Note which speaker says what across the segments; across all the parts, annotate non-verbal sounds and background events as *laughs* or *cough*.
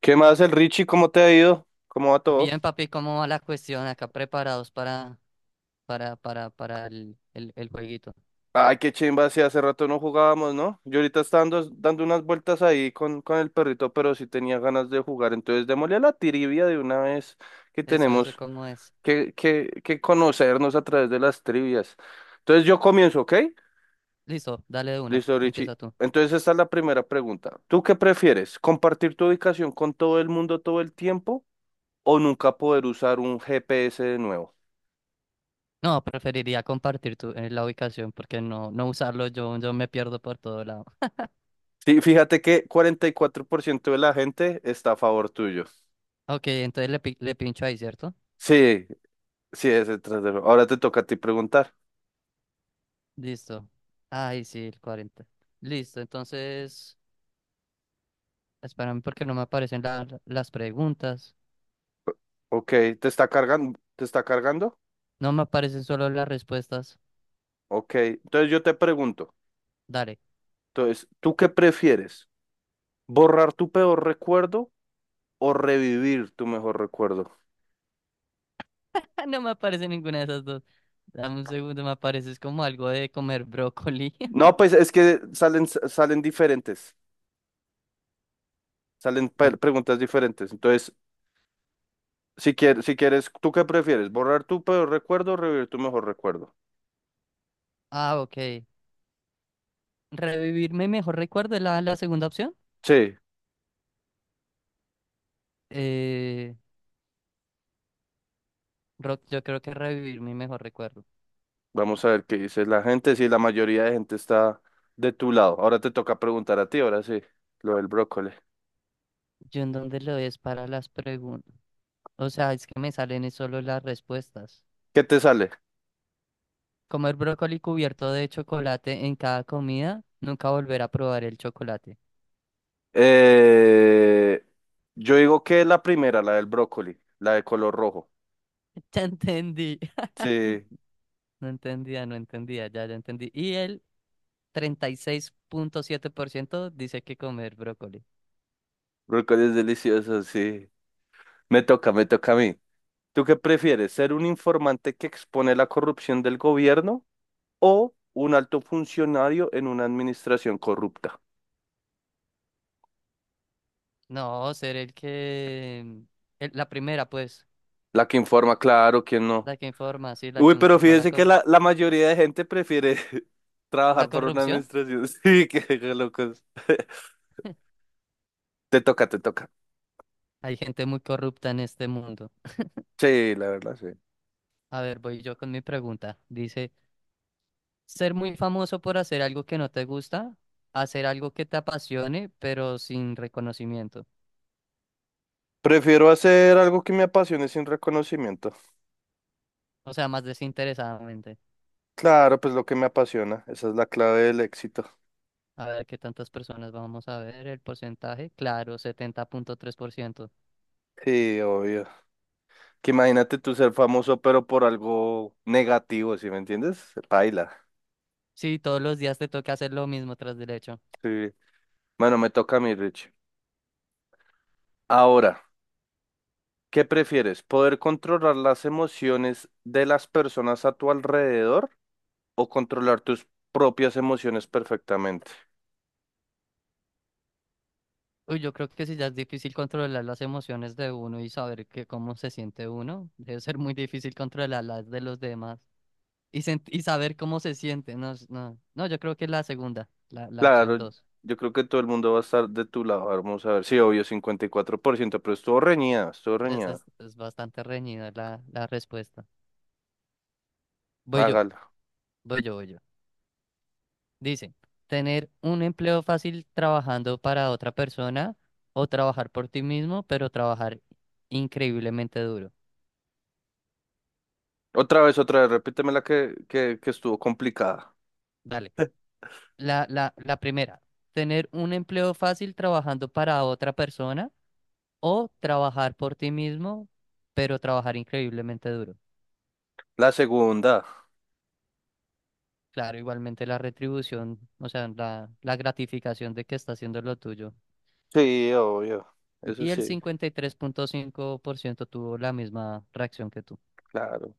Speaker 1: ¿Qué más, el Richie? ¿Cómo te ha ido? ¿Cómo va todo?
Speaker 2: Bien, papi, ¿cómo va la cuestión? Acá preparados para el jueguito.
Speaker 1: Ay, qué chimba, sí, hace rato no jugábamos, ¿no? Yo ahorita estaba dando unas vueltas ahí con el perrito, pero sí tenía ganas de jugar. Entonces, démosle a la trivia de una vez que
Speaker 2: Eso,
Speaker 1: tenemos
Speaker 2: ¿cómo es?
Speaker 1: que conocernos a través de las trivias. Entonces, yo comienzo, ¿ok?
Speaker 2: Listo, dale de una.
Speaker 1: Listo, Richie.
Speaker 2: Empieza tú.
Speaker 1: Entonces, esta es la primera pregunta. ¿Tú qué prefieres? ¿Compartir tu ubicación con todo el mundo todo el tiempo o nunca poder usar un GPS de nuevo?
Speaker 2: No, preferiría compartir la ubicación porque no usarlo yo me pierdo por todo lado.
Speaker 1: Sí, fíjate que 44% de la gente está a favor tuyo.
Speaker 2: Ok, entonces le pincho ahí, ¿cierto?
Speaker 1: Sí, sí, es el trasero. Ahora te toca a ti preguntar.
Speaker 2: Listo. Ay sí, el 40. Listo, entonces, espérame porque no me aparecen las preguntas.
Speaker 1: Ok, ¿te está cargando? ¿Te está cargando?
Speaker 2: No me aparecen solo las respuestas.
Speaker 1: Ok, entonces yo te pregunto.
Speaker 2: Dale.
Speaker 1: Entonces, ¿tú qué prefieres? ¿Borrar tu peor recuerdo o revivir tu mejor recuerdo?
Speaker 2: *laughs* No me aparece ninguna de esas dos. Dame un segundo, me apareces como algo de comer brócoli.
Speaker 1: No, pues es que salen diferentes, salen
Speaker 2: *laughs*
Speaker 1: preguntas diferentes. Entonces, si quieres, ¿tú qué prefieres? ¿Borrar tu peor recuerdo o revivir tu mejor recuerdo?
Speaker 2: Ah, ok. Revivir mi mejor recuerdo es la segunda opción.
Speaker 1: Sí.
Speaker 2: Eh, Rock, yo creo que revivir mi mejor recuerdo.
Speaker 1: Vamos a ver qué dice la gente, si la mayoría de gente está de tu lado. Ahora te toca preguntar a ti, ahora sí, lo del brócoli.
Speaker 2: ¿Yo en dónde lo es para las preguntas? O sea, es que me salen es solo las respuestas.
Speaker 1: ¿Qué te sale?
Speaker 2: Comer brócoli cubierto de chocolate en cada comida, nunca volver a probar el chocolate.
Speaker 1: Eh, yo digo que la primera, la del brócoli, la de color rojo.
Speaker 2: *laughs* Ya entendí.
Speaker 1: Sí,
Speaker 2: *laughs* No entendía, no entendía, ya, ya entendí. Y el 36.7% dice que comer brócoli.
Speaker 1: brócoli es delicioso, sí. Me toca a mí. ¿Tú qué prefieres? ¿Ser un informante que expone la corrupción del gobierno o un alto funcionario en una administración corrupta?
Speaker 2: No, ser la primera, pues,
Speaker 1: La que informa, claro, ¿quién no?
Speaker 2: la que informa, sí, la
Speaker 1: Uy,
Speaker 2: que
Speaker 1: pero
Speaker 2: informa la,
Speaker 1: fíjense que
Speaker 2: cor-
Speaker 1: la mayoría de gente prefiere *laughs*
Speaker 2: la
Speaker 1: trabajar por una
Speaker 2: corrupción.
Speaker 1: administración. *laughs* Sí, qué locos. *laughs* Te toca.
Speaker 2: Hay gente muy corrupta en este mundo.
Speaker 1: Sí, la verdad, sí.
Speaker 2: A ver, voy yo con mi pregunta. Dice, ser muy famoso por hacer algo que no te gusta, hacer algo que te apasione, pero sin reconocimiento.
Speaker 1: Prefiero hacer algo que me apasione sin reconocimiento.
Speaker 2: O sea, más desinteresadamente.
Speaker 1: Claro, pues lo que me apasiona. Esa es la clave del éxito.
Speaker 2: A ver, ¿qué tantas personas vamos a ver? El porcentaje, claro, 70.3%.
Speaker 1: Sí, obvio. Que imagínate tú ser famoso, pero por algo negativo, ¿sí me entiendes? Paila.
Speaker 2: Sí, todos los días te toca hacer lo mismo tras derecho.
Speaker 1: Sí. Bueno, me toca a mí, Rich. Ahora, ¿qué prefieres? ¿Poder controlar las emociones de las personas a tu alrededor o controlar tus propias emociones perfectamente?
Speaker 2: Uy, yo creo que si ya es difícil controlar las emociones de uno y saber que cómo se siente uno, debe ser muy difícil controlar las de los demás y saber cómo se siente. No, no, no, yo creo que la segunda, la opción
Speaker 1: Claro,
Speaker 2: dos.
Speaker 1: yo creo que todo el mundo va a estar de tu lado. A ver, vamos a ver. Sí, obvio, 54%, pero estuvo reñida, estuvo
Speaker 2: Es,
Speaker 1: reñida.
Speaker 2: es, es bastante reñida la respuesta. Voy yo,
Speaker 1: Hágala.
Speaker 2: voy yo, voy yo. Dice, tener un empleo fácil trabajando para otra persona o trabajar por ti mismo, pero trabajar increíblemente duro.
Speaker 1: Otra vez, repíteme la que, que estuvo complicada.
Speaker 2: Dale. La primera, tener un empleo fácil trabajando para otra persona o trabajar por ti mismo, pero trabajar increíblemente duro.
Speaker 1: La segunda.
Speaker 2: Claro, igualmente la retribución, o sea, la gratificación de que está haciendo lo tuyo.
Speaker 1: Sí, obvio. Eso
Speaker 2: Y el
Speaker 1: sí,
Speaker 2: 53.5% tuvo la misma reacción que tú.
Speaker 1: claro.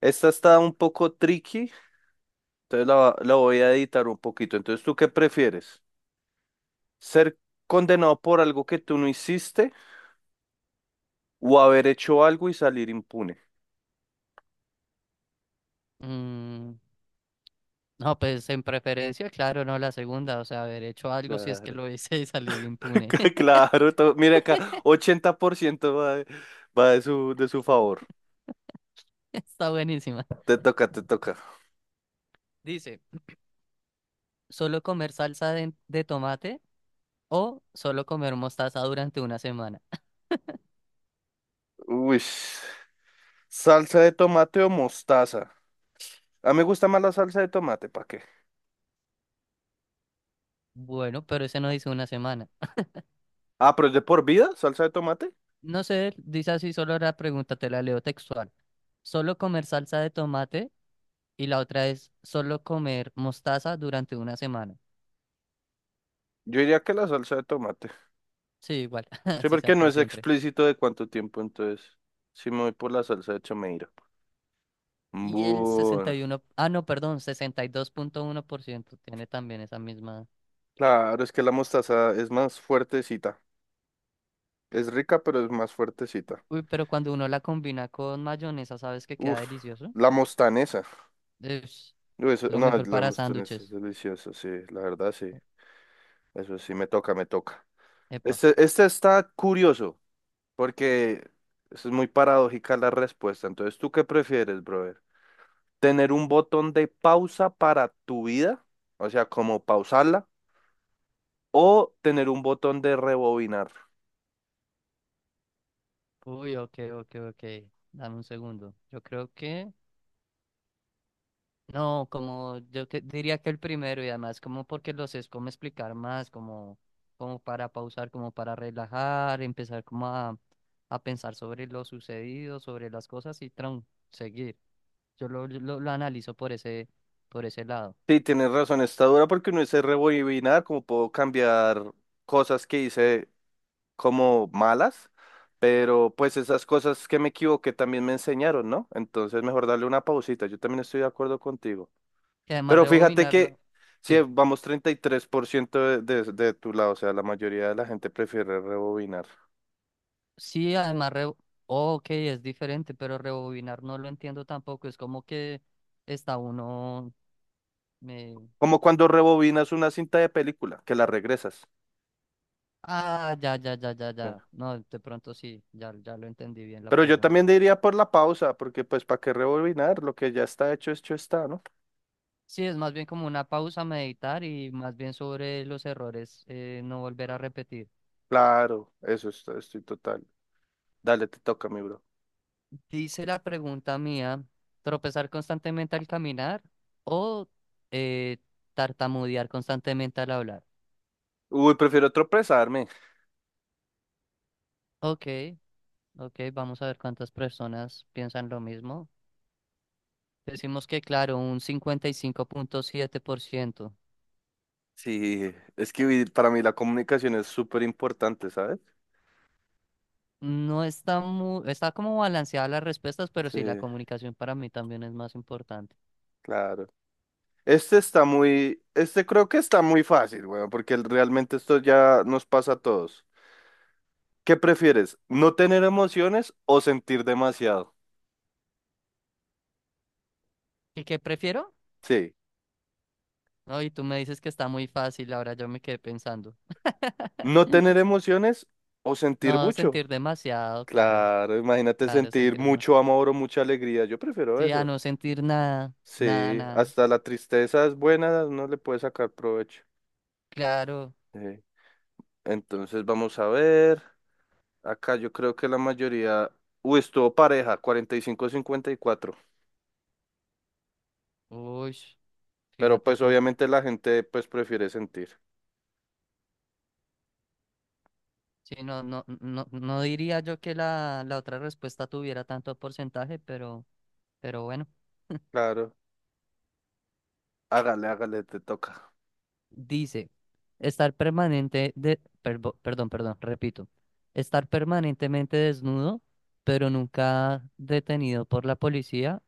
Speaker 1: Esta está un poco tricky, entonces la voy a editar un poquito. Entonces, ¿tú qué prefieres? ¿Ser condenado por algo que tú no hiciste o haber hecho algo y salir impune?
Speaker 2: Mm, no, pues en preferencia, claro, no la segunda, o sea, haber hecho algo si es que
Speaker 1: Claro.
Speaker 2: lo hice y salir impune.
Speaker 1: *laughs*
Speaker 2: *laughs*
Speaker 1: Claro, mira acá, 80% va va de de su favor.
Speaker 2: Está buenísima.
Speaker 1: Te toca.
Speaker 2: Dice, solo comer salsa de tomate o solo comer mostaza durante una semana.
Speaker 1: Uy, salsa de tomate o mostaza. A mí me gusta más la salsa de tomate, ¿para qué?
Speaker 2: Bueno, pero ese no dice una semana.
Speaker 1: Ah, pero es de por vida, salsa de tomate.
Speaker 2: No sé, dice así solo la pregunta, te la leo textual. Solo comer salsa de tomate y la otra es solo comer mostaza durante una semana.
Speaker 1: Yo diría que la salsa de tomate.
Speaker 2: Sí, igual, *laughs*
Speaker 1: Sí,
Speaker 2: así sea
Speaker 1: porque no
Speaker 2: por
Speaker 1: es
Speaker 2: siempre.
Speaker 1: explícito de cuánto tiempo, entonces sí me voy por la salsa de chomeira.
Speaker 2: Y el
Speaker 1: Bueno,
Speaker 2: 61, ah, no, perdón, 62.1% tiene también esa misma.
Speaker 1: claro, es que la mostaza es más fuertecita. Es rica, pero es más fuertecita.
Speaker 2: Uy, pero cuando uno la combina con mayonesa, ¿sabes que queda
Speaker 1: Uf,
Speaker 2: delicioso?
Speaker 1: la mostanesa.
Speaker 2: Es
Speaker 1: Uy,
Speaker 2: lo
Speaker 1: no,
Speaker 2: mejor
Speaker 1: la
Speaker 2: para
Speaker 1: Mustang es
Speaker 2: sándwiches.
Speaker 1: deliciosa, sí, la verdad, sí. Eso sí, me toca.
Speaker 2: Epa.
Speaker 1: Este está curioso, porque es muy paradójica la respuesta. Entonces, ¿tú qué prefieres, brother? ¿Tener un botón de pausa para tu vida? O sea, como pausarla, o tener un botón de rebobinar.
Speaker 2: Uy, ok, ok, ok. Dame un segundo. Yo creo que no, como diría que el primero. Y además como porque los es como explicar más, como para pausar, como para relajar, empezar como a pensar sobre lo sucedido, sobre las cosas y tron, seguir. Yo lo analizo por ese lado.
Speaker 1: Sí, tienes razón, está dura porque uno dice rebobinar, como puedo cambiar cosas que hice como malas, pero pues esas cosas que me equivoqué también me enseñaron, ¿no? Entonces mejor darle una pausita, yo también estoy de acuerdo contigo.
Speaker 2: Y además
Speaker 1: Pero fíjate
Speaker 2: rebobinarlo.
Speaker 1: que si
Speaker 2: Sí,
Speaker 1: vamos 33% de tu lado, o sea, la mayoría de la gente prefiere rebobinar.
Speaker 2: sí, ok, es diferente, pero rebobinar no lo entiendo tampoco. Es como que está uno.
Speaker 1: Como cuando rebobinas una cinta de película, que la regresas.
Speaker 2: Ah, ya, ya, ya, ya,
Speaker 1: Sí.
Speaker 2: ya. No, de pronto sí, ya, ya lo entendí bien la
Speaker 1: Pero yo
Speaker 2: pregunta.
Speaker 1: también diría por la pausa, porque pues ¿para qué rebobinar? Lo que ya está hecho, hecho está, ¿no?
Speaker 2: Sí, es más bien como una pausa, meditar y más bien sobre los errores, no volver a repetir.
Speaker 1: Claro, eso está, estoy total. Dale, te toca, mi bro.
Speaker 2: Dice la pregunta mía, tropezar constantemente al caminar o eh, tartamudear constantemente al hablar.
Speaker 1: Uy, prefiero tropezarme.
Speaker 2: Ok, ok, vamos a ver cuántas personas piensan lo mismo. Decimos que, claro, un 55.7%.
Speaker 1: Sí, es que para mí la comunicación es súper importante, ¿sabes?
Speaker 2: No está está como balanceada las respuestas, pero
Speaker 1: Sí,
Speaker 2: sí, la comunicación para mí también es más importante.
Speaker 1: claro. Este está muy, este creo que está muy fácil, weón, porque realmente esto ya nos pasa a todos. ¿Qué prefieres? ¿No tener emociones o sentir demasiado?
Speaker 2: ¿Y qué prefiero?
Speaker 1: Sí,
Speaker 2: No, y tú me dices que está muy fácil, ahora yo me quedé pensando.
Speaker 1: no tener
Speaker 2: *laughs*
Speaker 1: emociones o sentir
Speaker 2: No,
Speaker 1: mucho.
Speaker 2: sentir demasiado, claro,
Speaker 1: Claro, imagínate
Speaker 2: claro,
Speaker 1: sentir
Speaker 2: sentir
Speaker 1: mucho
Speaker 2: demasiado.
Speaker 1: amor o mucha alegría. Yo prefiero
Speaker 2: Sí, a
Speaker 1: eso.
Speaker 2: no sentir nada, nada,
Speaker 1: Sí,
Speaker 2: nada.
Speaker 1: hasta la tristeza es buena, no le puede sacar provecho.
Speaker 2: Claro,
Speaker 1: Sí. Entonces vamos a ver. Acá yo creo que la mayoría, uy, estuvo pareja, 45 a 54,
Speaker 2: uy,
Speaker 1: pero
Speaker 2: fíjate
Speaker 1: pues
Speaker 2: tú.
Speaker 1: obviamente la gente pues prefiere sentir.
Speaker 2: Sí, no, no, no, no diría yo que la otra respuesta tuviera tanto porcentaje, pero bueno.
Speaker 1: Claro, hágale, te toca.
Speaker 2: Dice. Estar permanente perdón, perdón, repito. Estar permanentemente desnudo, pero nunca detenido por la policía,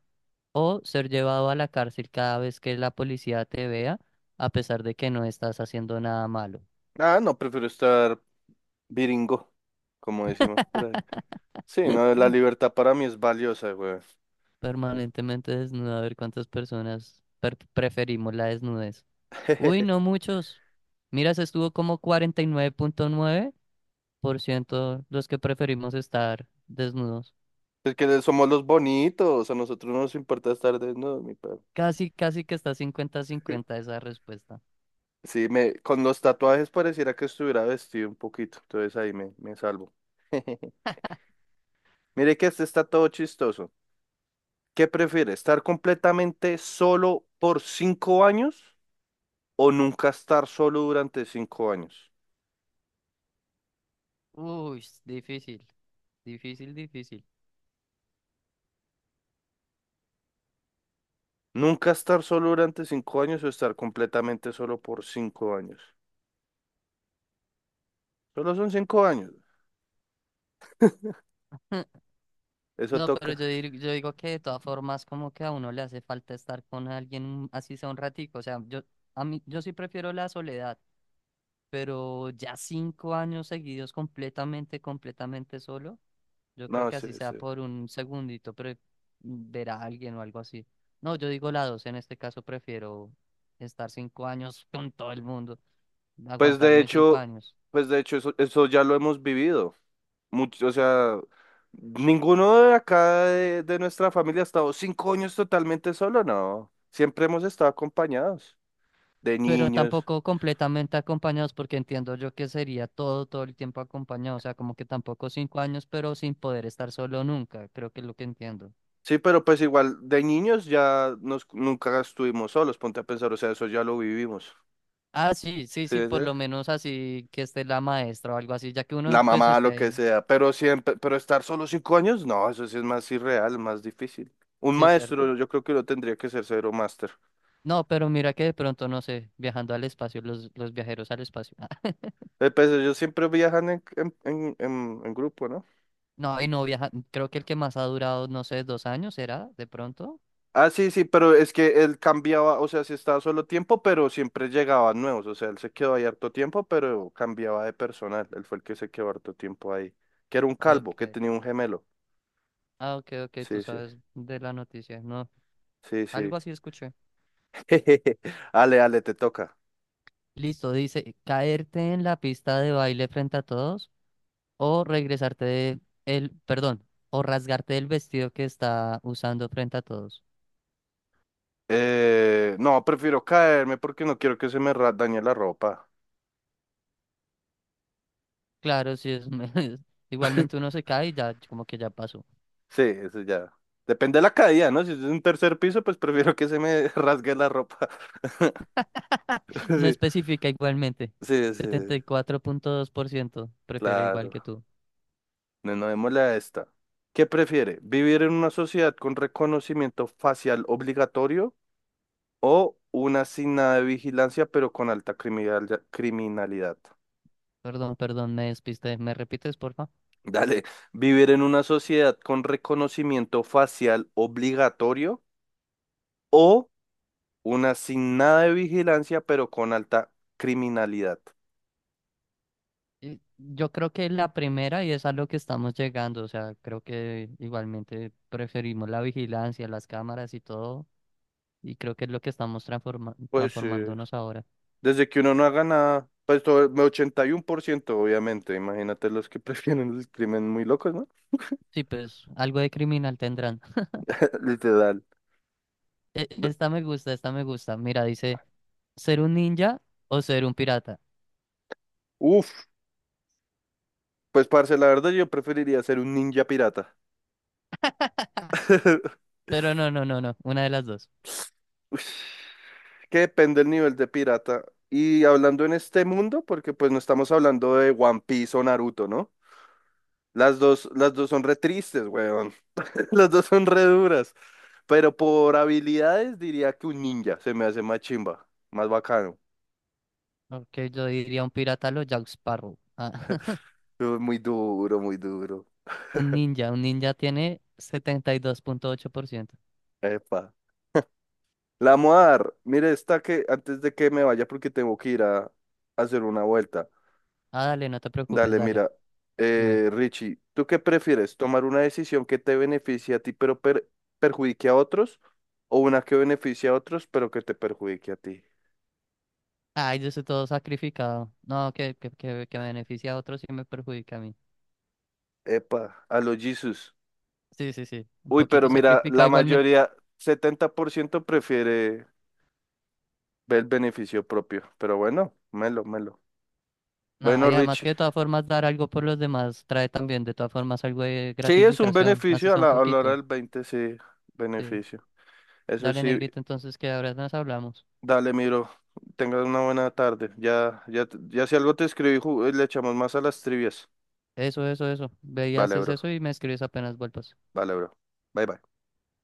Speaker 2: o ser llevado a la cárcel cada vez que la policía te vea, a pesar de que no estás haciendo nada malo.
Speaker 1: Ah, no, prefiero estar viringo, como decimos por ahí.
Speaker 2: *laughs*
Speaker 1: Sí, no, la libertad para mí es valiosa, güey.
Speaker 2: Permanentemente desnudo, a ver cuántas personas preferimos la desnudez. Uy, no
Speaker 1: *laughs*
Speaker 2: muchos. Mira, se estuvo como cuarenta y nueve punto nueve por ciento los que preferimos estar desnudos.
Speaker 1: Es que somos los bonitos, a nosotros no nos importa estar desnudos, mi perro.
Speaker 2: Casi, casi que está 50
Speaker 1: *laughs*
Speaker 2: cincuenta esa respuesta.
Speaker 1: Sí, con los tatuajes pareciera que estuviera vestido un poquito, entonces ahí me salvo. *laughs* Mire que este está todo chistoso. ¿Qué prefiere? ¿Estar completamente solo por cinco años o nunca estar solo durante cinco años?
Speaker 2: Uy, es difícil, difícil, difícil.
Speaker 1: Nunca estar solo durante cinco años o estar completamente solo por cinco años. Solo son cinco años.
Speaker 2: *laughs*
Speaker 1: Eso
Speaker 2: No, pero
Speaker 1: toca.
Speaker 2: yo digo que de todas formas como que a uno le hace falta estar con alguien así sea un ratico, o sea, yo a mí yo sí prefiero la soledad, pero ya 5 años seguidos completamente, completamente solo, yo creo
Speaker 1: No,
Speaker 2: que
Speaker 1: sí,
Speaker 2: así sea
Speaker 1: sí.
Speaker 2: por un segundito pero ver a alguien o algo así. No, yo digo la dos, en este caso prefiero estar 5 años con todo el mundo,
Speaker 1: Pues de
Speaker 2: aguantarme cinco
Speaker 1: hecho,
Speaker 2: años.
Speaker 1: pues de hecho, eso ya lo hemos vivido. Mucho, o sea, ninguno de acá de nuestra familia ha estado cinco años totalmente solo, no. Siempre hemos estado acompañados de
Speaker 2: Pero
Speaker 1: niños.
Speaker 2: tampoco completamente acompañados, porque entiendo yo que sería todo el tiempo acompañado, o sea, como que tampoco 5 años, pero sin poder estar solo nunca, creo que es lo que entiendo.
Speaker 1: Sí, pero pues igual de niños ya nos, nunca estuvimos solos, ponte a pensar, o sea, eso ya lo vivimos.
Speaker 2: Ah, sí, sí,
Speaker 1: ¿Sí me
Speaker 2: sí, por
Speaker 1: entiendes?
Speaker 2: lo menos así que esté la maestra o algo así, ya que uno
Speaker 1: La
Speaker 2: pues
Speaker 1: mamá,
Speaker 2: esté
Speaker 1: lo que
Speaker 2: ahí,
Speaker 1: sea, pero siempre, pero estar solo cinco años, no, eso sí es más irreal, más difícil. Un
Speaker 2: sí, ¿cierto?
Speaker 1: maestro, yo creo que lo tendría que ser cero máster.
Speaker 2: No, pero mira que de pronto, no sé, viajando al espacio, los viajeros al espacio. *laughs*
Speaker 1: Pues ellos siempre viajan en grupo, ¿no?
Speaker 2: No, y no viaja, creo que el que más ha durado, no sé, 2 años, ¿será? De pronto.
Speaker 1: Ah, sí, sí, pero es que él cambiaba, o sea, sí estaba solo tiempo, pero siempre llegaban nuevos, o sea, él se quedó ahí harto tiempo, pero cambiaba de personal, él fue el que se quedó harto tiempo ahí, que era un calvo, que
Speaker 2: Ok.
Speaker 1: tenía un gemelo.
Speaker 2: Ah, ok, ok, tú
Speaker 1: Sí,
Speaker 2: sabes de la noticia, no,
Speaker 1: sí.
Speaker 2: algo así escuché.
Speaker 1: *laughs* Ale, te toca.
Speaker 2: Listo, dice, caerte en la pista de baile frente a todos o regresarte de el, perdón, o rasgarte el vestido que está usando frente a todos.
Speaker 1: No, prefiero caerme porque no quiero que se me dañe la ropa.
Speaker 2: Claro, si es, *laughs* igualmente
Speaker 1: *laughs*
Speaker 2: uno se cae y ya como que ya pasó.
Speaker 1: Sí, eso ya. Depende de la caída, ¿no? Si es un tercer piso, pues prefiero que se me *laughs* rasgue la ropa. *laughs*
Speaker 2: *laughs* No
Speaker 1: Sí,
Speaker 2: especifica igualmente.
Speaker 1: sí, sí,
Speaker 2: 74.2%. Prefiero igual
Speaker 1: claro.
Speaker 2: que tú.
Speaker 1: No, no démosle a esta. ¿Qué prefiere? ¿Vivir en una sociedad con reconocimiento facial obligatorio o una sin nada de vigilancia, pero con alta criminalidad?
Speaker 2: Perdón, perdón, me despiste. ¿Me repites, porfa?
Speaker 1: Dale, vivir en una sociedad con reconocimiento facial obligatorio o una sin nada de vigilancia, pero con alta criminalidad.
Speaker 2: Yo creo que la primera y es a lo que estamos llegando. O sea, creo que igualmente preferimos la vigilancia, las cámaras y todo. Y creo que es lo que estamos
Speaker 1: Pues
Speaker 2: transformándonos ahora.
Speaker 1: desde que uno no haga nada, pues todo, 81% obviamente. Imagínate los que *laughs* prefieren el crimen muy locos, ¿no?
Speaker 2: Sí, pues algo de criminal tendrán. *laughs*
Speaker 1: *laughs* Literal. D-
Speaker 2: Esta me gusta, esta me gusta. Mira, dice, ¿ser un ninja o ser un pirata?
Speaker 1: Uf, pues parce, la verdad yo preferiría ser un ninja pirata.
Speaker 2: *laughs* Pero no, no, no, no, una de las dos.
Speaker 1: *laughs* Ush, que depende del nivel de pirata. Y hablando en este mundo, porque pues no estamos hablando de One Piece o Naruto, ¿no? Las dos son re tristes, weón. *laughs* Las dos son re duras. Pero por habilidades diría que un ninja se me hace más chimba, más bacano.
Speaker 2: Ok, yo diría un pirata a lo Jack Sparrow. Ah, *laughs*
Speaker 1: Muy duro, muy duro.
Speaker 2: un ninja tiene 72.8%.
Speaker 1: Epa. La Moar, mire, esta que antes de que me vaya, porque tengo que ir a hacer una vuelta.
Speaker 2: Ah, dale, no te preocupes,
Speaker 1: Dale,
Speaker 2: dale,
Speaker 1: mira,
Speaker 2: dime.
Speaker 1: Richie, ¿tú qué prefieres? ¿Tomar una decisión que te beneficie a ti pero perjudique a otros? ¿O una que beneficie a otros pero que te perjudique a ti?
Speaker 2: Ay, yo estoy todo sacrificado. No, que beneficia a otros y me perjudica a mí.
Speaker 1: Epa, a los Jesus.
Speaker 2: Sí, sí, sí, un
Speaker 1: Uy, pero
Speaker 2: poquito
Speaker 1: mira,
Speaker 2: sacrificado.
Speaker 1: la
Speaker 2: Igualmente.
Speaker 1: mayoría, 70% prefiere ver el beneficio propio. Pero bueno, melo, melo.
Speaker 2: No,
Speaker 1: Bueno,
Speaker 2: y además
Speaker 1: Richie.
Speaker 2: que de todas formas dar algo por los demás trae también de todas formas algo de
Speaker 1: Sí, es un
Speaker 2: gratificación, así
Speaker 1: beneficio
Speaker 2: sea un
Speaker 1: a la hora
Speaker 2: poquito.
Speaker 1: del 20, sí,
Speaker 2: Sí.
Speaker 1: beneficio. Eso
Speaker 2: Dale,
Speaker 1: sí,
Speaker 2: negrito, entonces que ahora nos hablamos.
Speaker 1: dale, mi bro. Tengas una buena tarde. Ya si algo te escribí, le echamos más a las trivias.
Speaker 2: Eso, eso, eso. Ve y
Speaker 1: Vale,
Speaker 2: haces
Speaker 1: bro.
Speaker 2: eso y me escribes apenas vuelvas.
Speaker 1: Vale, bro. Bye, bye.